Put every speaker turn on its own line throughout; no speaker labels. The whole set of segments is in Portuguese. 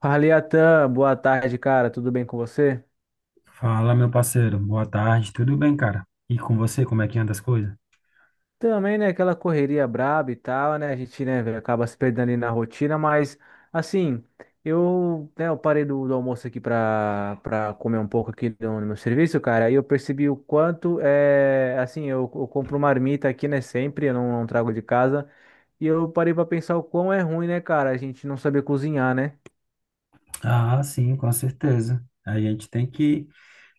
Fala, Iatan, boa tarde, cara. Tudo bem com você?
Fala, meu parceiro. Boa tarde. Tudo bem, cara? E com você, como é que anda as coisas?
Também, né, aquela correria braba e tal, né? A gente, né, velho, acaba se perdendo ali na rotina, mas assim, eu, né, eu parei do almoço aqui pra comer um pouco aqui no meu serviço, cara, e eu percebi o quanto é, assim, eu compro marmita aqui, né, sempre, eu não trago de casa, e eu parei pra pensar o quão é ruim, né, cara, a gente não saber cozinhar, né?
Ah, sim, com certeza. A gente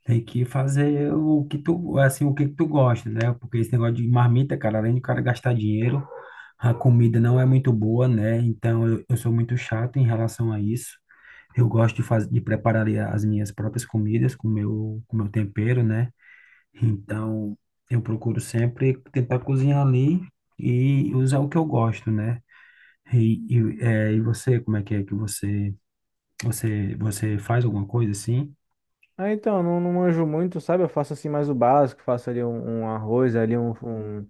tem que fazer o que tu, assim, o que tu gosta, né? Porque esse negócio de marmita, cara, além do cara gastar dinheiro, a comida não é muito boa, né? Então eu sou muito chato em relação a isso. Eu gosto de fazer, de preparar ali as minhas próprias comidas com com meu tempero, né? Então eu procuro sempre tentar cozinhar ali e usar o que eu gosto, né? E você, como é que você, você, você faz alguma coisa assim?
Ah, então, não manjo muito, sabe? Eu faço assim mais o básico, faço ali um arroz, ali um, um-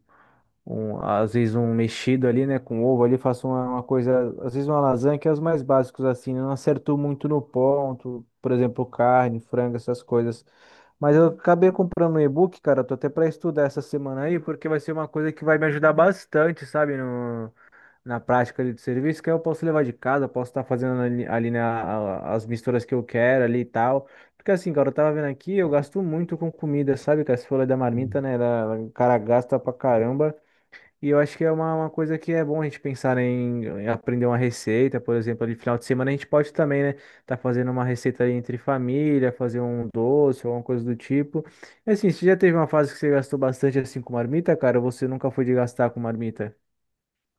um- às vezes um mexido ali, né, com ovo ali, faço uma coisa, às vezes uma lasanha, que é os mais básicos assim, né? Não acerto muito no ponto, por exemplo, carne, frango, essas coisas. Mas eu acabei comprando um e-book, cara, tô até pra estudar essa semana aí, porque vai ser uma coisa que vai me ajudar bastante, sabe, na prática ali do serviço, que aí eu posso levar de casa, posso estar fazendo ali, ali as misturas que eu quero ali e tal. Porque assim, cara, eu tava vendo aqui, eu gasto muito com comida, sabe? Que as folhas da marmita, né? O cara gasta pra caramba. E eu acho que é uma coisa que é bom a gente pensar em aprender uma receita, por exemplo, ali final de semana a gente pode também, né? Tá fazendo uma receita ali entre família, fazer um doce, alguma coisa do tipo. E assim, você já teve uma fase que você gastou bastante assim com marmita, cara, ou você nunca foi de gastar com marmita?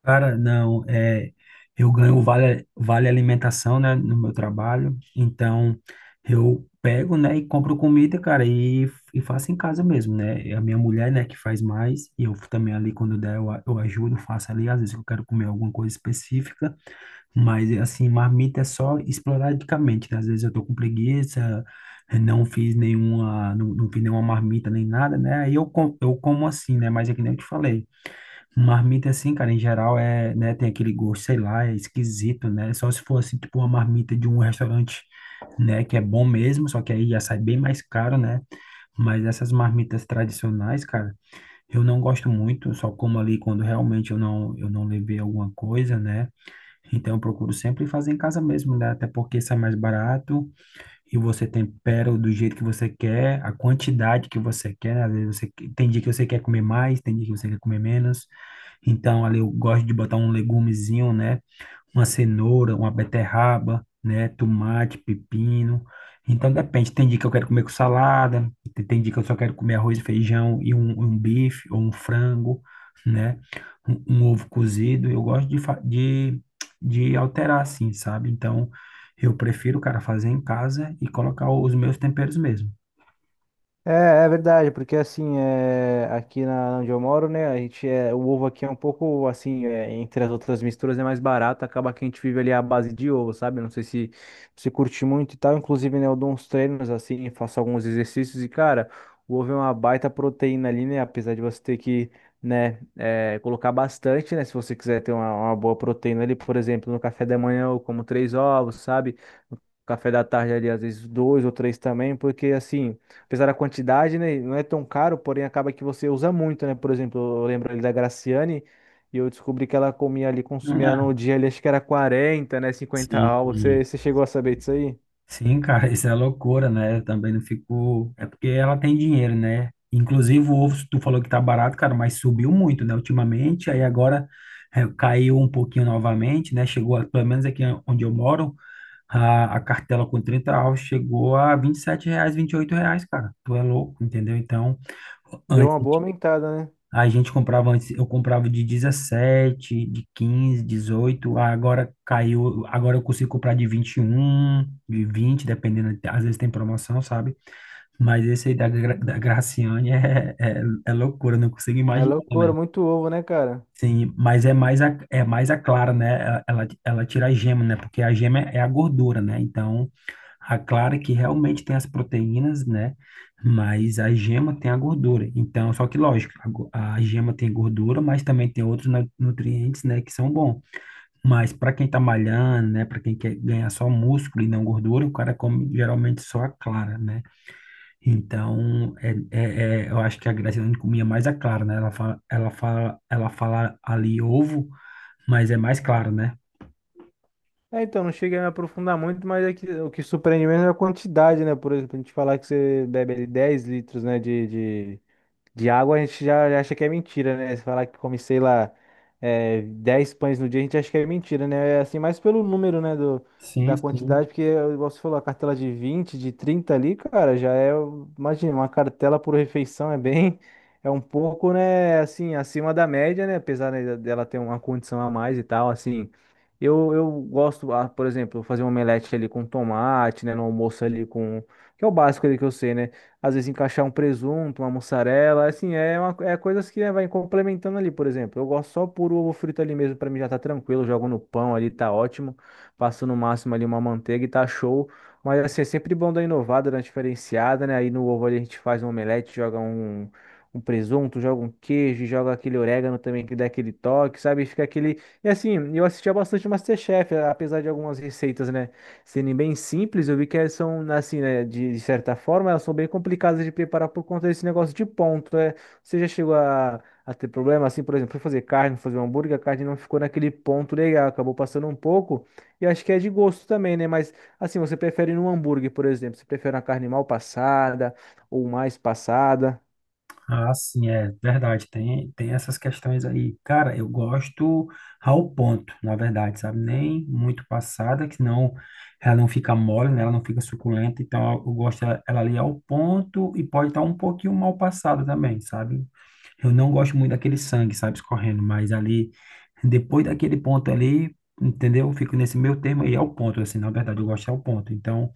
Cara, não, é, eu ganho o vale alimentação, né, no meu trabalho, então eu pego, né, e compro comida, cara, e faço em casa mesmo, né. E a minha mulher, né, que faz mais, e eu também ali, quando der, eu ajudo, faço ali, às vezes eu quero comer alguma coisa específica. Mas, assim, marmita é só esporadicamente, né? Às vezes eu tô com preguiça, não fiz nenhuma, não fiz nenhuma marmita nem nada, né? Eu como assim, né? Mas é que nem eu te falei. Marmita, assim, cara, em geral é, né? Tem aquele gosto, sei lá, é esquisito, né? Só se for, assim, tipo uma marmita de um restaurante, né? Que é bom mesmo, só que aí já sai bem mais caro, né? Mas essas marmitas tradicionais, cara, eu não gosto muito, só como ali quando realmente eu não levei alguma coisa, né? Então, eu procuro sempre fazer em casa mesmo, né? Até porque sai mais barato e você tempera do jeito que você quer, a quantidade que você quer, né? Às vezes tem dia que você quer comer mais, tem dia que você quer comer menos. Então, ali eu gosto de botar um legumezinho, né? Uma cenoura, uma beterraba, né? Tomate, pepino. Então depende. Tem dia que eu quero comer com salada, tem dia que eu só quero comer arroz e feijão e um bife ou um frango, né? Um ovo cozido. Eu gosto de alterar assim, sabe? Então eu prefiro, cara, fazer em casa e colocar os meus temperos mesmo.
É, é verdade, porque assim, é, aqui na onde eu moro, né, a gente é, o ovo aqui é um pouco assim, é, entre as outras misturas é mais barato, acaba que a gente vive ali à base de ovo, sabe? Não sei se você curte muito e tal, inclusive, né, eu dou uns treinos assim, faço alguns exercícios e, cara, o ovo é uma baita proteína ali, né, apesar de você ter que, né, é, colocar bastante, né, se você quiser ter uma boa proteína ali, por exemplo, no café da manhã eu como 3 ovos, sabe? No café da tarde ali, às vezes dois ou três também, porque assim. Apesar da quantidade, né, não é tão caro, porém acaba que você usa muito, né? Por exemplo, eu lembro ali da Graciane e eu descobri que ela comia ali, consumia
Ah,
no dia ali, acho que era 40, né? 50 ovos. Você,
sim.
você chegou a saber disso aí?
Sim, cara, isso é loucura, né? Eu também não fico. É porque ela tem dinheiro, né? Inclusive, o ovo, tu falou que tá barato, cara, mas subiu muito, né, ultimamente. Aí agora é, caiu um pouquinho novamente, né? Pelo menos aqui onde eu moro, a cartela com 30 ovos chegou a R$ 27, R$ 28, cara. Tu é louco, entendeu? Então,
Deu
antes.
uma boa aumentada, né?
A gente comprava antes, eu comprava de 17 de 15 18 agora caiu, agora eu consigo comprar de 21 de 20 dependendo, às vezes tem promoção, sabe? Mas esse aí da Graciane é loucura, eu não consigo
É
imaginar,
loucura,
né?
muito ovo, né, cara?
Sim, mas é mais é mais a clara, né? Ela tira a gema, né? Porque a gema é a gordura, né? Então, a clara que realmente tem as proteínas, né? Mas a gema tem a gordura. Então, só que lógico, a gema tem gordura, mas também tem outros nutrientes, né? Que são bons. Mas para quem tá malhando, né? Para quem quer ganhar só músculo e não gordura, o cara come geralmente só a clara, né? Então, eu acho que a Graciane comia mais a clara, né? Ela fala ali ovo, mas é mais claro, né?
É, então, não cheguei a me aprofundar muito, mas é que, o que surpreende mesmo é a quantidade, né? Por exemplo, a gente falar que você bebe ali 10 litros, né, de de água a gente já, já acha que é mentira, né? Se falar que come, sei lá, é, 10 pães no dia, a gente acha que é mentira, né? É assim, mais pelo número, né, do,
Sim,
da quantidade,
sim.
porque, igual você falou, a cartela de 20 de 30 ali, cara, já é, imagina, uma cartela por refeição é bem, é um pouco, né, assim, acima da média, né? Apesar, né, dela ter uma condição a mais e tal, assim. Eu gosto, ah, por exemplo, fazer um omelete ali com tomate, né, no almoço ali com, que é o básico ali que eu sei, né? Às vezes encaixar um presunto, uma mussarela, assim, é, uma, é coisas que né, vai complementando ali, por exemplo. Eu gosto só por ovo frito ali mesmo, pra mim já tá tranquilo, jogo no pão ali, tá ótimo. Passo no máximo ali uma manteiga e tá show. Mas assim, é sempre bom dar inovada, dar uma diferenciada, né? Aí no ovo ali a gente faz um omelete, joga um, um presunto, joga um queijo, joga aquele orégano também que dá aquele toque, sabe? Fica aquele. E assim, eu assistia bastante MasterChef, apesar de algumas receitas, né? Serem bem simples, eu vi que elas são, assim, né, de certa forma, elas são bem complicadas de preparar por conta desse negócio de ponto, né? Você já chegou a ter problema, assim, por exemplo, foi fazer carne, fazer um hambúrguer, a carne não ficou naquele ponto legal, acabou passando um pouco, e acho que é de gosto também, né? Mas, assim, você prefere num hambúrguer, por exemplo, você prefere uma carne mal passada ou mais passada?
Ah, sim, é verdade. Tem essas questões aí. Cara, eu gosto ao ponto, na verdade, sabe? Nem muito passada, que senão ela não fica mole, né? Ela não fica suculenta. Então, eu gosto ela ali ao ponto e pode estar um pouquinho mal passada também, sabe? Eu não gosto muito daquele sangue, sabe, escorrendo, mas ali, depois daquele ponto ali, entendeu? Eu fico nesse meio termo aí, é o ponto, assim, na verdade, eu gosto é o ponto. Então,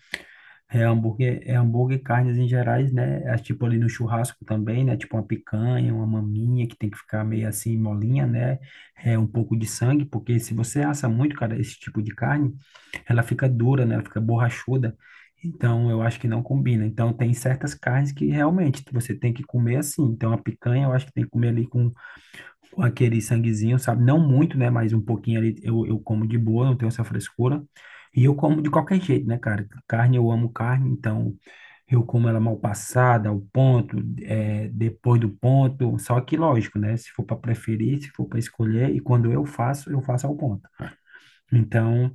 é hambúrguer e carnes em gerais, né? É tipo ali no churrasco também, né? Tipo uma picanha, uma maminha que tem que ficar meio assim molinha, né? É um pouco de sangue, porque se você assa muito, cara, esse tipo de carne, ela fica dura, né? Ela fica borrachuda. Então, eu acho que não combina. Então, tem certas carnes que realmente você tem que comer assim. Então, a picanha eu acho que tem que comer ali aquele sanguezinho, sabe? Não muito, né? Mas um pouquinho ali eu como de boa, não tenho essa frescura. E eu como de qualquer jeito, né, cara? Carne, eu amo carne, então eu como ela mal passada, ao ponto, é, depois do ponto. Só que, lógico, né? Se for para preferir, se for para escolher, e quando eu faço ao ponto. Então,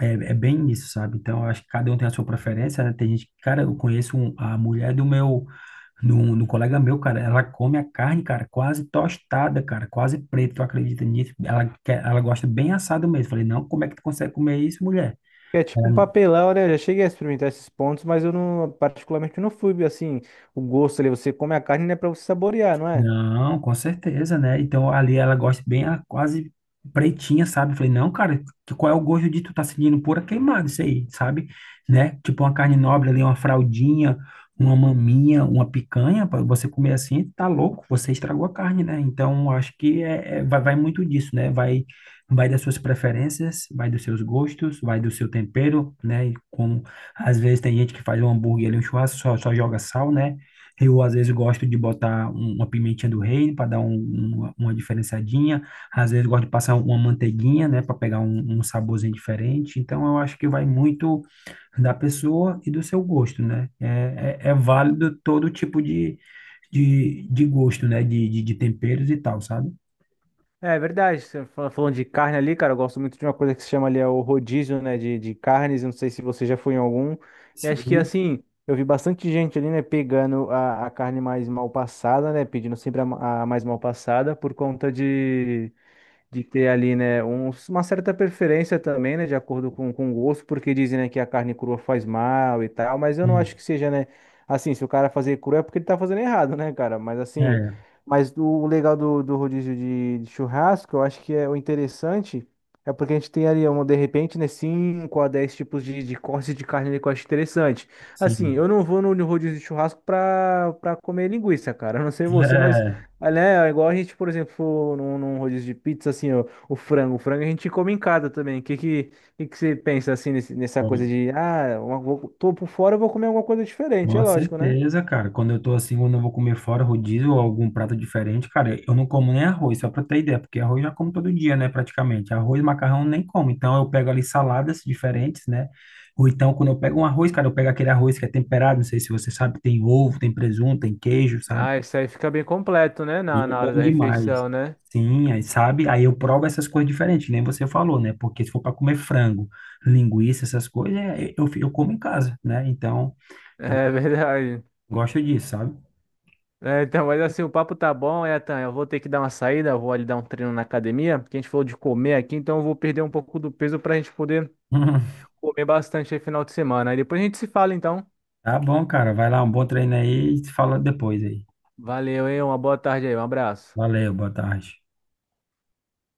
é bem isso, sabe? Então, eu acho que cada um tem a sua preferência, né? Tem gente, cara, eu conheço um- a mulher do meu no, no colega meu, cara, ela come a carne, cara, quase tostada, cara, quase preta, tu acredita nisso? Ela gosta bem assado mesmo. Falei, não, como é que tu consegue comer isso, mulher?
É tipo um papelão, né? Eu já cheguei a experimentar esses pontos, mas eu não, particularmente, não fui, assim, o gosto ali, você come a carne, né, pra você saborear, não é?
Não, com certeza, né? Então ali ela gosta bem, ela quase pretinha, sabe? Falei, não, cara, qual é o gosto de tu tá sentindo pura queimada isso aí, sabe? Né? Tipo uma carne nobre ali, uma fraldinha, uma maminha, uma picanha, para você comer assim, tá louco, você estragou a carne, né? Então acho que vai, vai muito disso, né? Vai, vai das suas preferências, vai dos seus gostos, vai do seu tempero, né? E como às vezes tem gente que faz um hambúrguer ali, um churrasco, só joga sal, né? Eu, às vezes, gosto de botar uma pimentinha do reino para dar uma diferenciadinha. Às vezes, gosto de passar uma manteiguinha, né, para pegar um saborzinho diferente. Então, eu acho que vai muito da pessoa e do seu gosto, né? É válido todo tipo de gosto, né, de temperos e tal, sabe?
É é verdade, você falando de carne ali, cara, eu gosto muito de uma coisa que se chama ali é o rodízio, né, de carnes, eu não sei se você já foi em algum, e acho que
Sim.
assim, eu vi bastante gente ali, né, pegando a carne mais mal passada, né, pedindo sempre a mais mal passada por conta de ter ali, né, uma certa preferência também, né, de acordo com o gosto, porque dizem, né, que a carne crua faz mal e tal, mas eu não acho
Sim.
que seja, né, assim, se o cara fazer cru é porque ele tá fazendo errado, né, cara, mas assim,
É,
mas o legal do rodízio de churrasco, eu acho que é o interessante, é porque a gente tem ali, um, de repente, né, 5 a 10 tipos de cortes de carne ali que eu acho interessante. Assim,
sim.
eu não vou no rodízio de churrasco pra comer linguiça, cara, eu não sei você, mas
É.
Olha, é igual a gente, por exemplo, num rodízio de pizza, assim, ó, o frango. O frango a gente come em casa também. O que você pensa, assim, nessa coisa de, ah, uma, vou, tô por fora, eu vou comer alguma coisa diferente, é
Com
lógico, né?
certeza, cara. Quando eu tô assim, quando eu vou comer fora rodízio ou algum prato diferente, cara, eu não como nem arroz, só pra ter ideia, porque arroz eu já como todo dia, né, praticamente. Arroz, macarrão nem como. Então eu pego ali saladas diferentes, né? Ou então quando eu pego um arroz, cara, eu pego aquele arroz que é temperado, não sei se você sabe, tem ovo, tem presunto, tem queijo, sabe?
Ah, isso aí fica bem completo, né, na,
E é
na hora
bom
da
demais.
refeição, né?
Sim, aí sabe? Aí eu provo essas coisas diferentes, que nem você falou, né? Porque se for para comer frango, linguiça, essas coisas, é, eu como em casa, né? Então, eu
É verdade.
gosto disso, sabe?
É, então, mas assim, o papo tá bom, Etan. Eu vou ter que dar uma saída, eu vou ali dar um treino na academia, porque a gente falou de comer aqui, então eu vou perder um pouco do peso pra gente poder comer bastante aí final de semana. Aí depois a gente se fala, então.
Tá bom, cara. Vai lá, um bom treino aí e se fala depois aí.
Valeu, hein? Uma boa tarde aí, um abraço.
Valeu, boa tarde.